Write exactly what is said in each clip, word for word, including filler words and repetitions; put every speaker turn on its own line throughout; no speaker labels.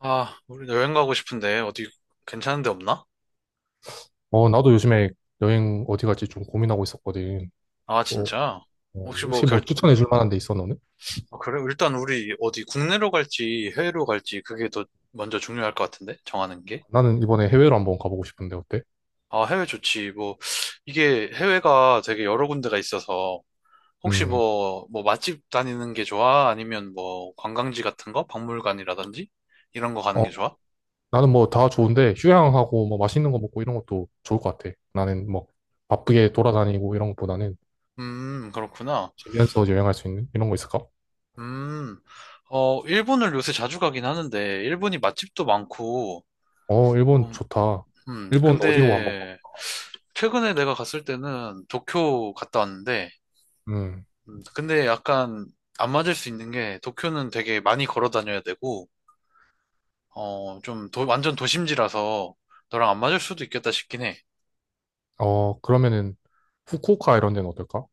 아, 우리 여행 가고 싶은데 어디 괜찮은 데 없나?
어, 나도 요즘에 여행 어디 갈지 좀 고민하고 있었거든.
아,
어, 어,
진짜? 혹시 뭐
혹시 뭐
결,
추천해 줄 만한 데 있어, 너는?
아, 그래? 일단 우리 어디 국내로 갈지 해외로 갈지 그게 더 먼저 중요할 것 같은데? 정하는 게?
나는 이번에 해외로 한번 가보고 싶은데 어때?
아, 해외 좋지. 뭐, 이게 해외가 되게 여러 군데가 있어서 혹시
음,
뭐, 뭐 맛집 다니는 게 좋아? 아니면 뭐 관광지 같은 거? 박물관이라든지? 이런 거 가는
어,
게 좋아?
나는 뭐 다 좋은데 휴양하고 뭐 맛있는 거 먹고 이런 것도 좋을 것 같아. 나는 뭐 바쁘게 돌아다니고 이런 것보다는
음, 그렇구나.
집에서 여행할 수 있는 이런 거 있을까?
음, 어, 일본을 요새 자주 가긴 하는데 일본이 맛집도 많고
어, 일본
음,
좋다.
음,
일본 어디로 한번 가?
근데 최근에 내가 갔을 때는 도쿄 갔다 왔는데,
음,
음, 근데 약간 안 맞을 수 있는 게 도쿄는 되게 많이 걸어 다녀야 되고, 어, 좀 도- 완전 도심지라서 너랑 안 맞을 수도 있겠다 싶긴 해.
어, 그러면은 후쿠오카 이런 데는 어떨까?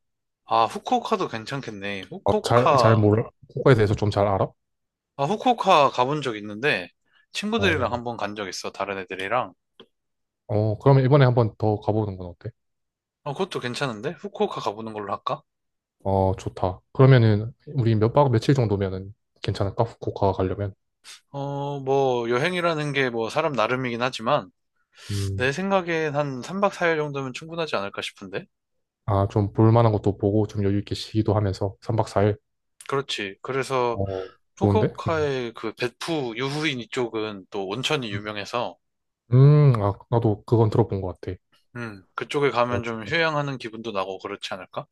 아, 후쿠오카도 괜찮겠네.
어, 잘, 잘
후쿠오카,
몰라. 후쿠오카에 대해서 좀 잘 알아?
아, 후쿠오카 가본 적 있는데 친구들이랑
어,
한번 간 적 있어. 다른 애들이랑.
어, 그러면 이번에 한번 더 가보는 건 어때?
어, 그것도 괜찮은데? 후쿠오카 가보는 걸로 할까?
어, 좋다. 그러면은, 우리 몇 박 며칠 정도면은 괜찮을까? 후쿠오카 가려면.
어, 뭐 여행이라는 게 뭐 사람 나름이긴 하지만.
음,
내 생각엔 한 삼 박 사 일 정도면 충분하지 않을까 싶은데?
아, 좀 볼만한 것도 보고, 좀 여유 있게 쉬기도 하면서, 삼 박 사 일.
그렇지. 그래서
어, 좋은데? 음,
후쿠오카의 그 베푸 유후인 이쪽은 또 온천이 유명해서
음. 음, 아, 나도 그건 들어본 것 같아.
음, 그쪽에
어,
가면 좀
좋다.
휴양하는 기분도 나고 그렇지 않을까?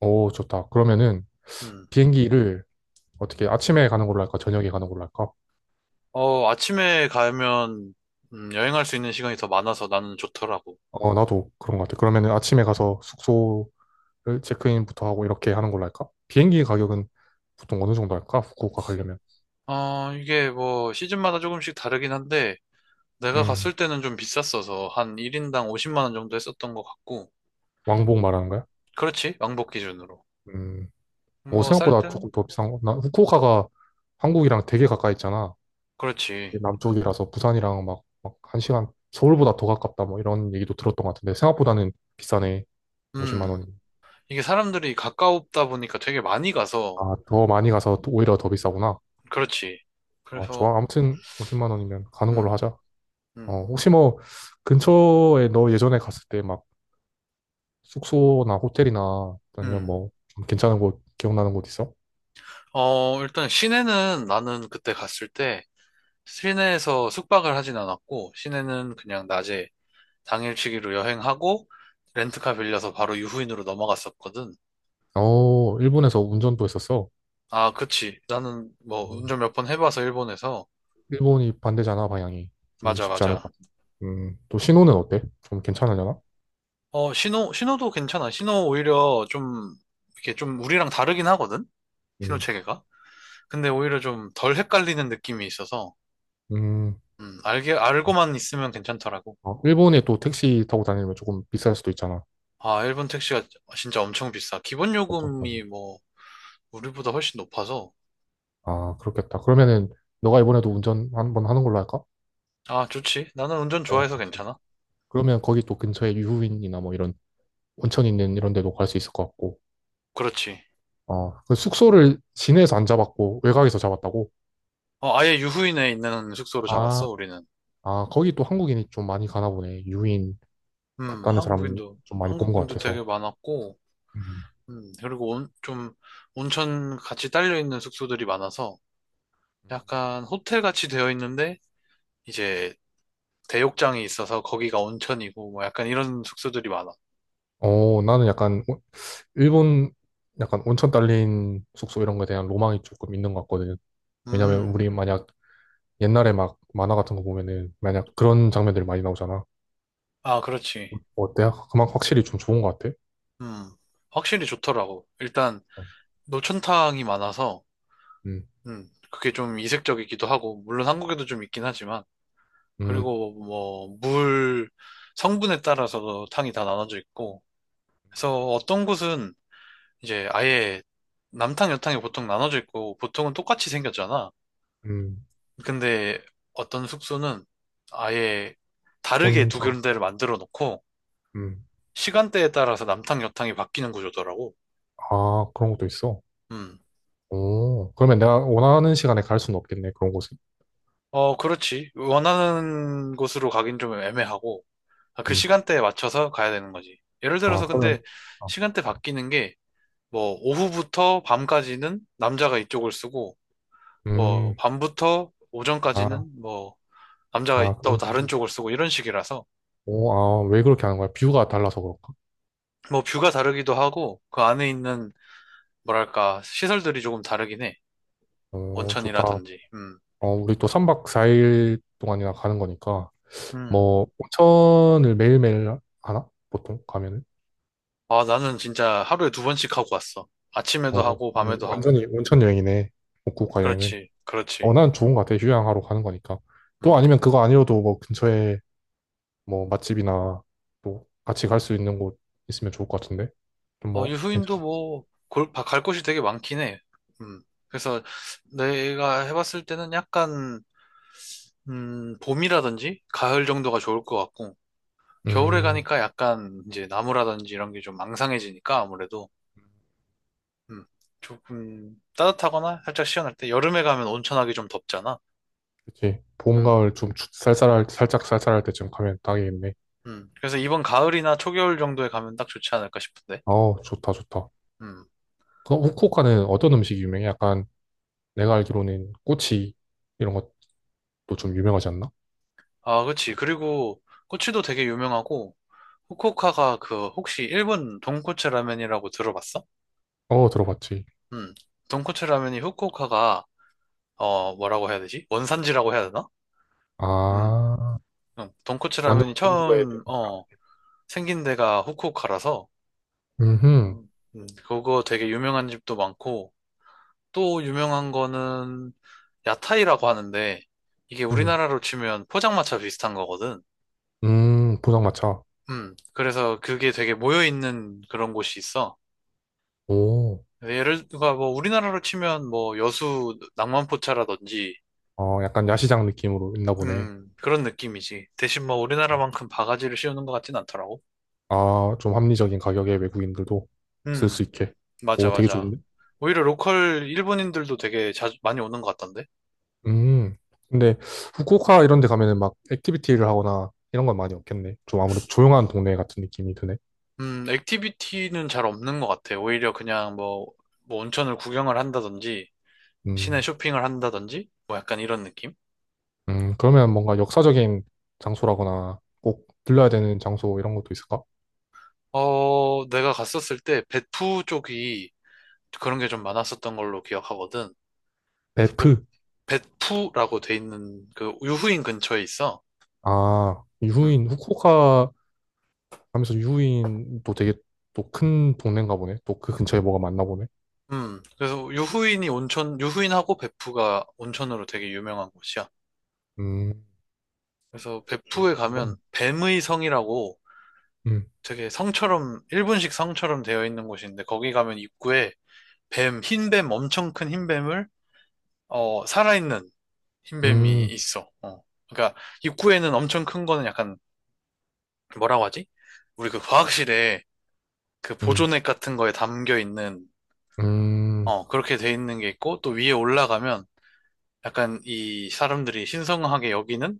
어, 좋다. 그러면은,
음.
비행기를 어떻게 아침에 가는 걸로 할까? 저녁에 가는 걸로 할까?
어, 아침에 가면 음, 여행할 수 있는 시간이 더 많아서 나는 좋더라고.
어, 나도 그런 것 같아. 그러면은 아침에 가서 숙소를 체크인부터 하고 이렇게 하는 걸로 할까? 비행기 가격은 보통 어느 정도 할까? 후쿠오카 가려면.
어, 이게 뭐 시즌마다 조금씩 다르긴 한데 내가
음,
갔을 때는 좀 비쌌어서 한 일 인당 오십만 원 정도 했었던 것 같고
왕복 말하는 거야?
그렇지. 왕복 기준으로.
음. 오,
뭐 쌀
생각보다
때는
조금 더 비싼 거. 나 후쿠오카가 한국이랑 되게 가까이 있잖아.
그렇지.
남쪽이라서 부산이랑 막, 막 한 시간, 서울보다 더 가깝다 뭐 이런 얘기도 들었던 것 같은데 생각보다는 비싸네. 오십만
음.
원이.
이게 사람들이 가까우다 보니까 되게 많이 가서,
아, 더 많이 가서 또 오히려 더 비싸구나.
그렇지.
아,
그래서,
좋아. 아무튼 오십만 원이면 가는 걸로
음,
하자. 어,
음,
혹시 뭐 근처에 너 예전에 갔을 때 막 숙소나 호텔이나 아니면
음.
뭐 좀 괜찮은 곳, 기억나는 곳 있어?
어, 일단 시내는 나는 그때 갔을 때, 시내에서 숙박을 하진 않았고, 시내는 그냥 낮에 당일치기로 여행하고, 렌트카 빌려서 바로 유후인으로 넘어갔었거든.
어, 일본에서 운전도 했었어.
아, 그치. 나는 뭐
어,
운전 몇 번 해봐서 일본에서.
일본이 반대잖아, 방향이. 좀
맞아,
쉽지 않을.
맞아.
음, 또 신호는 어때? 좀 괜찮으려나?
어, 신호, 신호도 괜찮아. 신호 오히려 좀, 이렇게 좀 우리랑 다르긴 하거든? 신호
음,
체계가. 근데 오히려 좀 덜 헷갈리는 느낌이 있어서,
음,
음, 알게,
좋다.
알고만 있으면 괜찮더라고.
어, 일본에 또 택시 타고 다니면 조금 비쌀 수도 있잖아.
아, 일본 택시가 진짜 엄청 비싸. 기본
엄청.
요금이 뭐, 우리보다 훨씬 높아서,
아, 그렇겠다. 그러면은 너가 이번에도 운전 한 번 하는 걸로 할까?
아, 좋지. 나는 운전
어,
좋아해서
좋지.
괜찮아.
그러면 거기 또 근처에 유후인이나 뭐 이런 온천 있는 이런 데도 갈 수 있을 것 같고.
그렇지.
어, 그 숙소를 시내에서 안 잡았고 외곽에서 잡았다고?
어, 아예 유후인에 있는 숙소로
아,
잡았어, 우리는.
아, 거기 또 한국인이 좀 많이 가나 보네. 유인
음,
갔다는 사람
한국인도,
좀 많이 본 것
한국인도 되게
같아서.
많았고,
음.
음, 그리고 온, 좀, 온천 같이 딸려있는 숙소들이 많아서, 약간 호텔 같이 되어 있는데, 이제, 대욕장이 있어서 거기가 온천이고, 뭐 약간 이런 숙소들이 많아.
어, 나는 약간 오- 일본 약간 온천 딸린 숙소 이런 거에 대한 로망이 조금 있는 것 같거든. 왜냐면
음,
우리 만약 옛날에 막 만화 같은 거 보면은 만약 그런 장면들이 많이 나오잖아.
아, 그렇지.
어때? 그만 확실히 좀 좋은 것 같아.
음, 확실히 좋더라고. 일단
어,
노천탕이 많아서
음,
음, 그게 좀 이색적이기도 하고, 물론 한국에도 좀 있긴 하지만,
음,
그리고 뭐, 물 성분에 따라서도 탕이 다 나눠져 있고, 그래서 어떤 곳은 이제 아예 남탕, 여탕이 보통 나눠져 있고, 보통은 똑같이 생겼잖아.
음,
근데 어떤 숙소는 아예 다르게 두
혼자,
군데를 만들어 놓고,
음,
시간대에 따라서 남탕, 여탕이 바뀌는 구조더라고.
아, 그런 것도 있어.
음
오, 그러면 내가 원하는 시간에 갈 수는 없겠네, 그런 곳에.
어, 그렇지. 원하는 곳으로 가긴 좀 애매하고, 아, 그
음,
시간대에 맞춰서 가야 되는 거지. 예를
아,
들어서 근데
그러면, 아,
시간대 바뀌는 게, 뭐, 오후부터 밤까지는 남자가 이쪽을 쓰고, 뭐,
음,
밤부터
아,
오전까지는 뭐, 남자가
아,
또
그런
다른
식으로.
쪽을 쓰고, 이런 식이라서,
오, 아, 왜 그렇게 하는 거야? 뷰가 달라서 그럴까?
뭐, 뷰가 다르기도 하고, 그 안에 있는, 뭐랄까, 시설들이 조금 다르긴 해.
오, 좋다.
온천이라든지, 음,
어, 우리 또 삼 박 사 일 동안이나 가는 거니까,
음.
뭐, 온천을 매일매일 하나? 보통 가면은?
아, 나는 진짜 하루에 두 번씩 하고 왔어. 아침에도
어,
하고,
그냥
밤에도 하고.
완전히 온천 여행이네. 후쿠오카 여행은.
그렇지,
어,
그렇지.
난 좋은 것 같아. 휴양하러 가는 거니까. 또
음.
아니면 그거 아니어도 뭐 근처에 뭐 맛집이나 또 같이 갈 수 있는 곳 있으면 좋을 것 같은데? 좀
어,
뭐, 괜찮아.
유후인도 뭐, 골, 바- 갈 곳이 되게 많긴 해. 음. 그래서 내가 해봤을 때는 약간, 음, 봄이라든지 가을 정도가 좋을 것 같고, 겨울에
음,
가니까 약간 이제 나무라든지 이런 게 좀 망상해지니까 아무래도, 음, 조금 따뜻하거나 살짝 시원할 때, 여름에 가면 온천하기 좀 덥잖아.
그치. 봄,
음,
가을 좀 추- 쌀쌀할, 살짝 쌀쌀할 때쯤 가면 딱이겠네.
음. 그래서 이번 가을이나 초겨울 정도에 가면 딱 좋지 않을까 싶은데.
어, 좋다, 좋다.
음.
그럼 후쿠오카는 어떤 음식이 유명해? 약간 내가 알기로는 꼬치 이런 것도 좀 유명하지 않나?
아, 그치. 그리고 꼬치도 되게 유명하고, 후쿠오카가 그 혹시 일본 돈코츠 라면이라고 들어봤어?
어, 들어봤지.
음. 돈코츠 라면이 후쿠오카가 어 뭐라고 해야 되지? 원산지라고 해야 되나? 음.
아,
음. 돈코츠
완전
라면이
건조해.
처음
대동차.
어 생긴 데가 후쿠오카라서
음,
음. 음, 그거 되게 유명한 집도 많고 또 유명한 거는 야타이라고 하는데 이게
음,
우리나라로 치면 포장마차 비슷한 거거든.
음, 포장마차.
음. 그래서 그게 되게 모여 있는 그런 곳이 있어.
오,
네, 예를 들어 뭐 우리나라로 치면 뭐 여수 낭만포차라든지
어, 약간 야시장 느낌으로 있나 보네.
음 그런 느낌이지. 대신 뭐 우리나라만큼 바가지를 씌우는 것 같진 않더라고.
아, 좀 합리적인 가격에 외국인들도 쓸 수
음
있게.
맞아,
오, 되게
맞아.
좋은데?
오히려 로컬 일본인들도 되게 자주 많이 오는 것 같던데
음, 근데 후쿠오카 이런 데 가면은 막 액티비티를 하거나 이런 건 많이 없겠네. 좀 아무래도 조용한 동네 같은 느낌이 드네.
음 액티비티는 잘 없는 것 같아. 오히려 그냥 뭐, 뭐 온천을 구경을 한다든지 시내
음.
쇼핑을 한다든지 뭐 약간 이런 느낌.
음, 그러면 뭔가 역사적인 장소라거나 꼭 들러야 되는 장소 이런 것도 있을까?
어 내가 갔었을 때배푸 쪽이 그런 게 좀 많았었던 걸로 기억하거든.
베프.
벳푸라고 돼 있는 그 유후인 근처에 있어.
아,
음,
유후인, 후쿠오카 하면서 유후인도 되게 또 큰 동네인가 보네. 또 그 근처에 뭐가 많나 보네.
음. 그래서 유후인이 온천, 유후인하고 벳푸가 온천으로 되게 유명한 곳이야.
음,
그래서 벳푸에
뭐꼭
가면
한번.
뱀의 성이라고
음,
되게 성처럼, 일본식 성처럼 되어 있는 곳인데 거기 가면 입구에 뱀, 흰뱀, 엄청 큰 흰뱀을, 어, 살아있는 흰뱀이
음,
있어. 어. 그러니까 입구에는 엄청 큰 거는 약간 뭐라고 하지? 우리 그 과학실에 그
음,
보존액 같은 거에 담겨 있는
음.
어, 그렇게 돼 있는 게 있고, 또 위에 올라가면 약간 이 사람들이 신성하게 여기는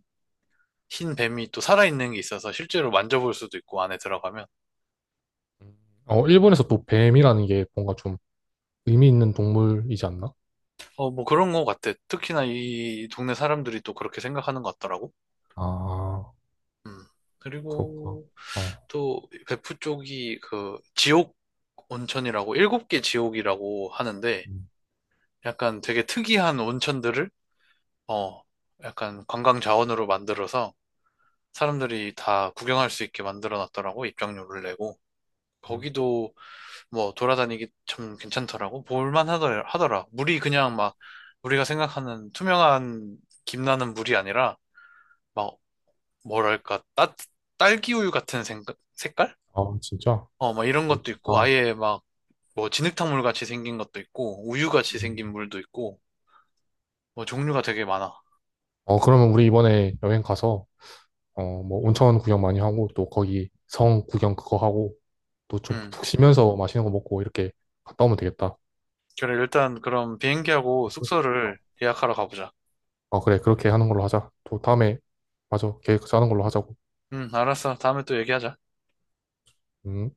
흰 뱀이 또 살아있는 게 있어서 실제로 만져볼 수도 있고, 안에 들어가면. 음.
어, 일본에서 또 뱀이라는 게 뭔가 좀 의미 있는 동물이지 않나?
어, 뭐 그런 거 같아. 특히나 이 동네 사람들이 또 그렇게 생각하는 것 같더라고.
아,
음.
그렇구나.
그리고
어.
또 베프 쪽이 그 지옥 온천이라고, 일곱 개 지옥이라고 하는데,
음,
약간 되게 특이한 온천들을, 어, 약간 관광 자원으로 만들어서 사람들이 다 구경할 수 있게 만들어 놨더라고, 입장료를 내고.
음.
거기도 뭐 돌아다니기 참 괜찮더라고. 볼만 하더, 하더라. 물이 그냥 막 우리가 생각하는 투명한 김나는 물이 아니라 막 뭐랄까, 따, 딸기우유 같은 생, 색깔?
아, 진짜?
어, 막 이런
오,
것도 있고,
좋다.
아예 막 뭐 진흙탕물 같이 생긴 것도 있고, 우유 같이
음.
생긴 물도 있고, 뭐 종류가 되게 많아.
어, 그러면 우리 이번에 여행 가서 어, 뭐 온천 구경 많이 하고 또 거기 성 구경 그거 하고 또 좀
음.
푹 쉬면서 맛있는 거 먹고 이렇게 갔다 오면 되겠다.
그래, 일단 그럼 비행기하고
어,
숙소를 예약하러 가보자.
어, 그래. 그렇게 하는 걸로 하자. 또 다음에 맞아. 계획 짜는 걸로 하자고.
음, 알았어. 다음에 또 얘기하자.
음.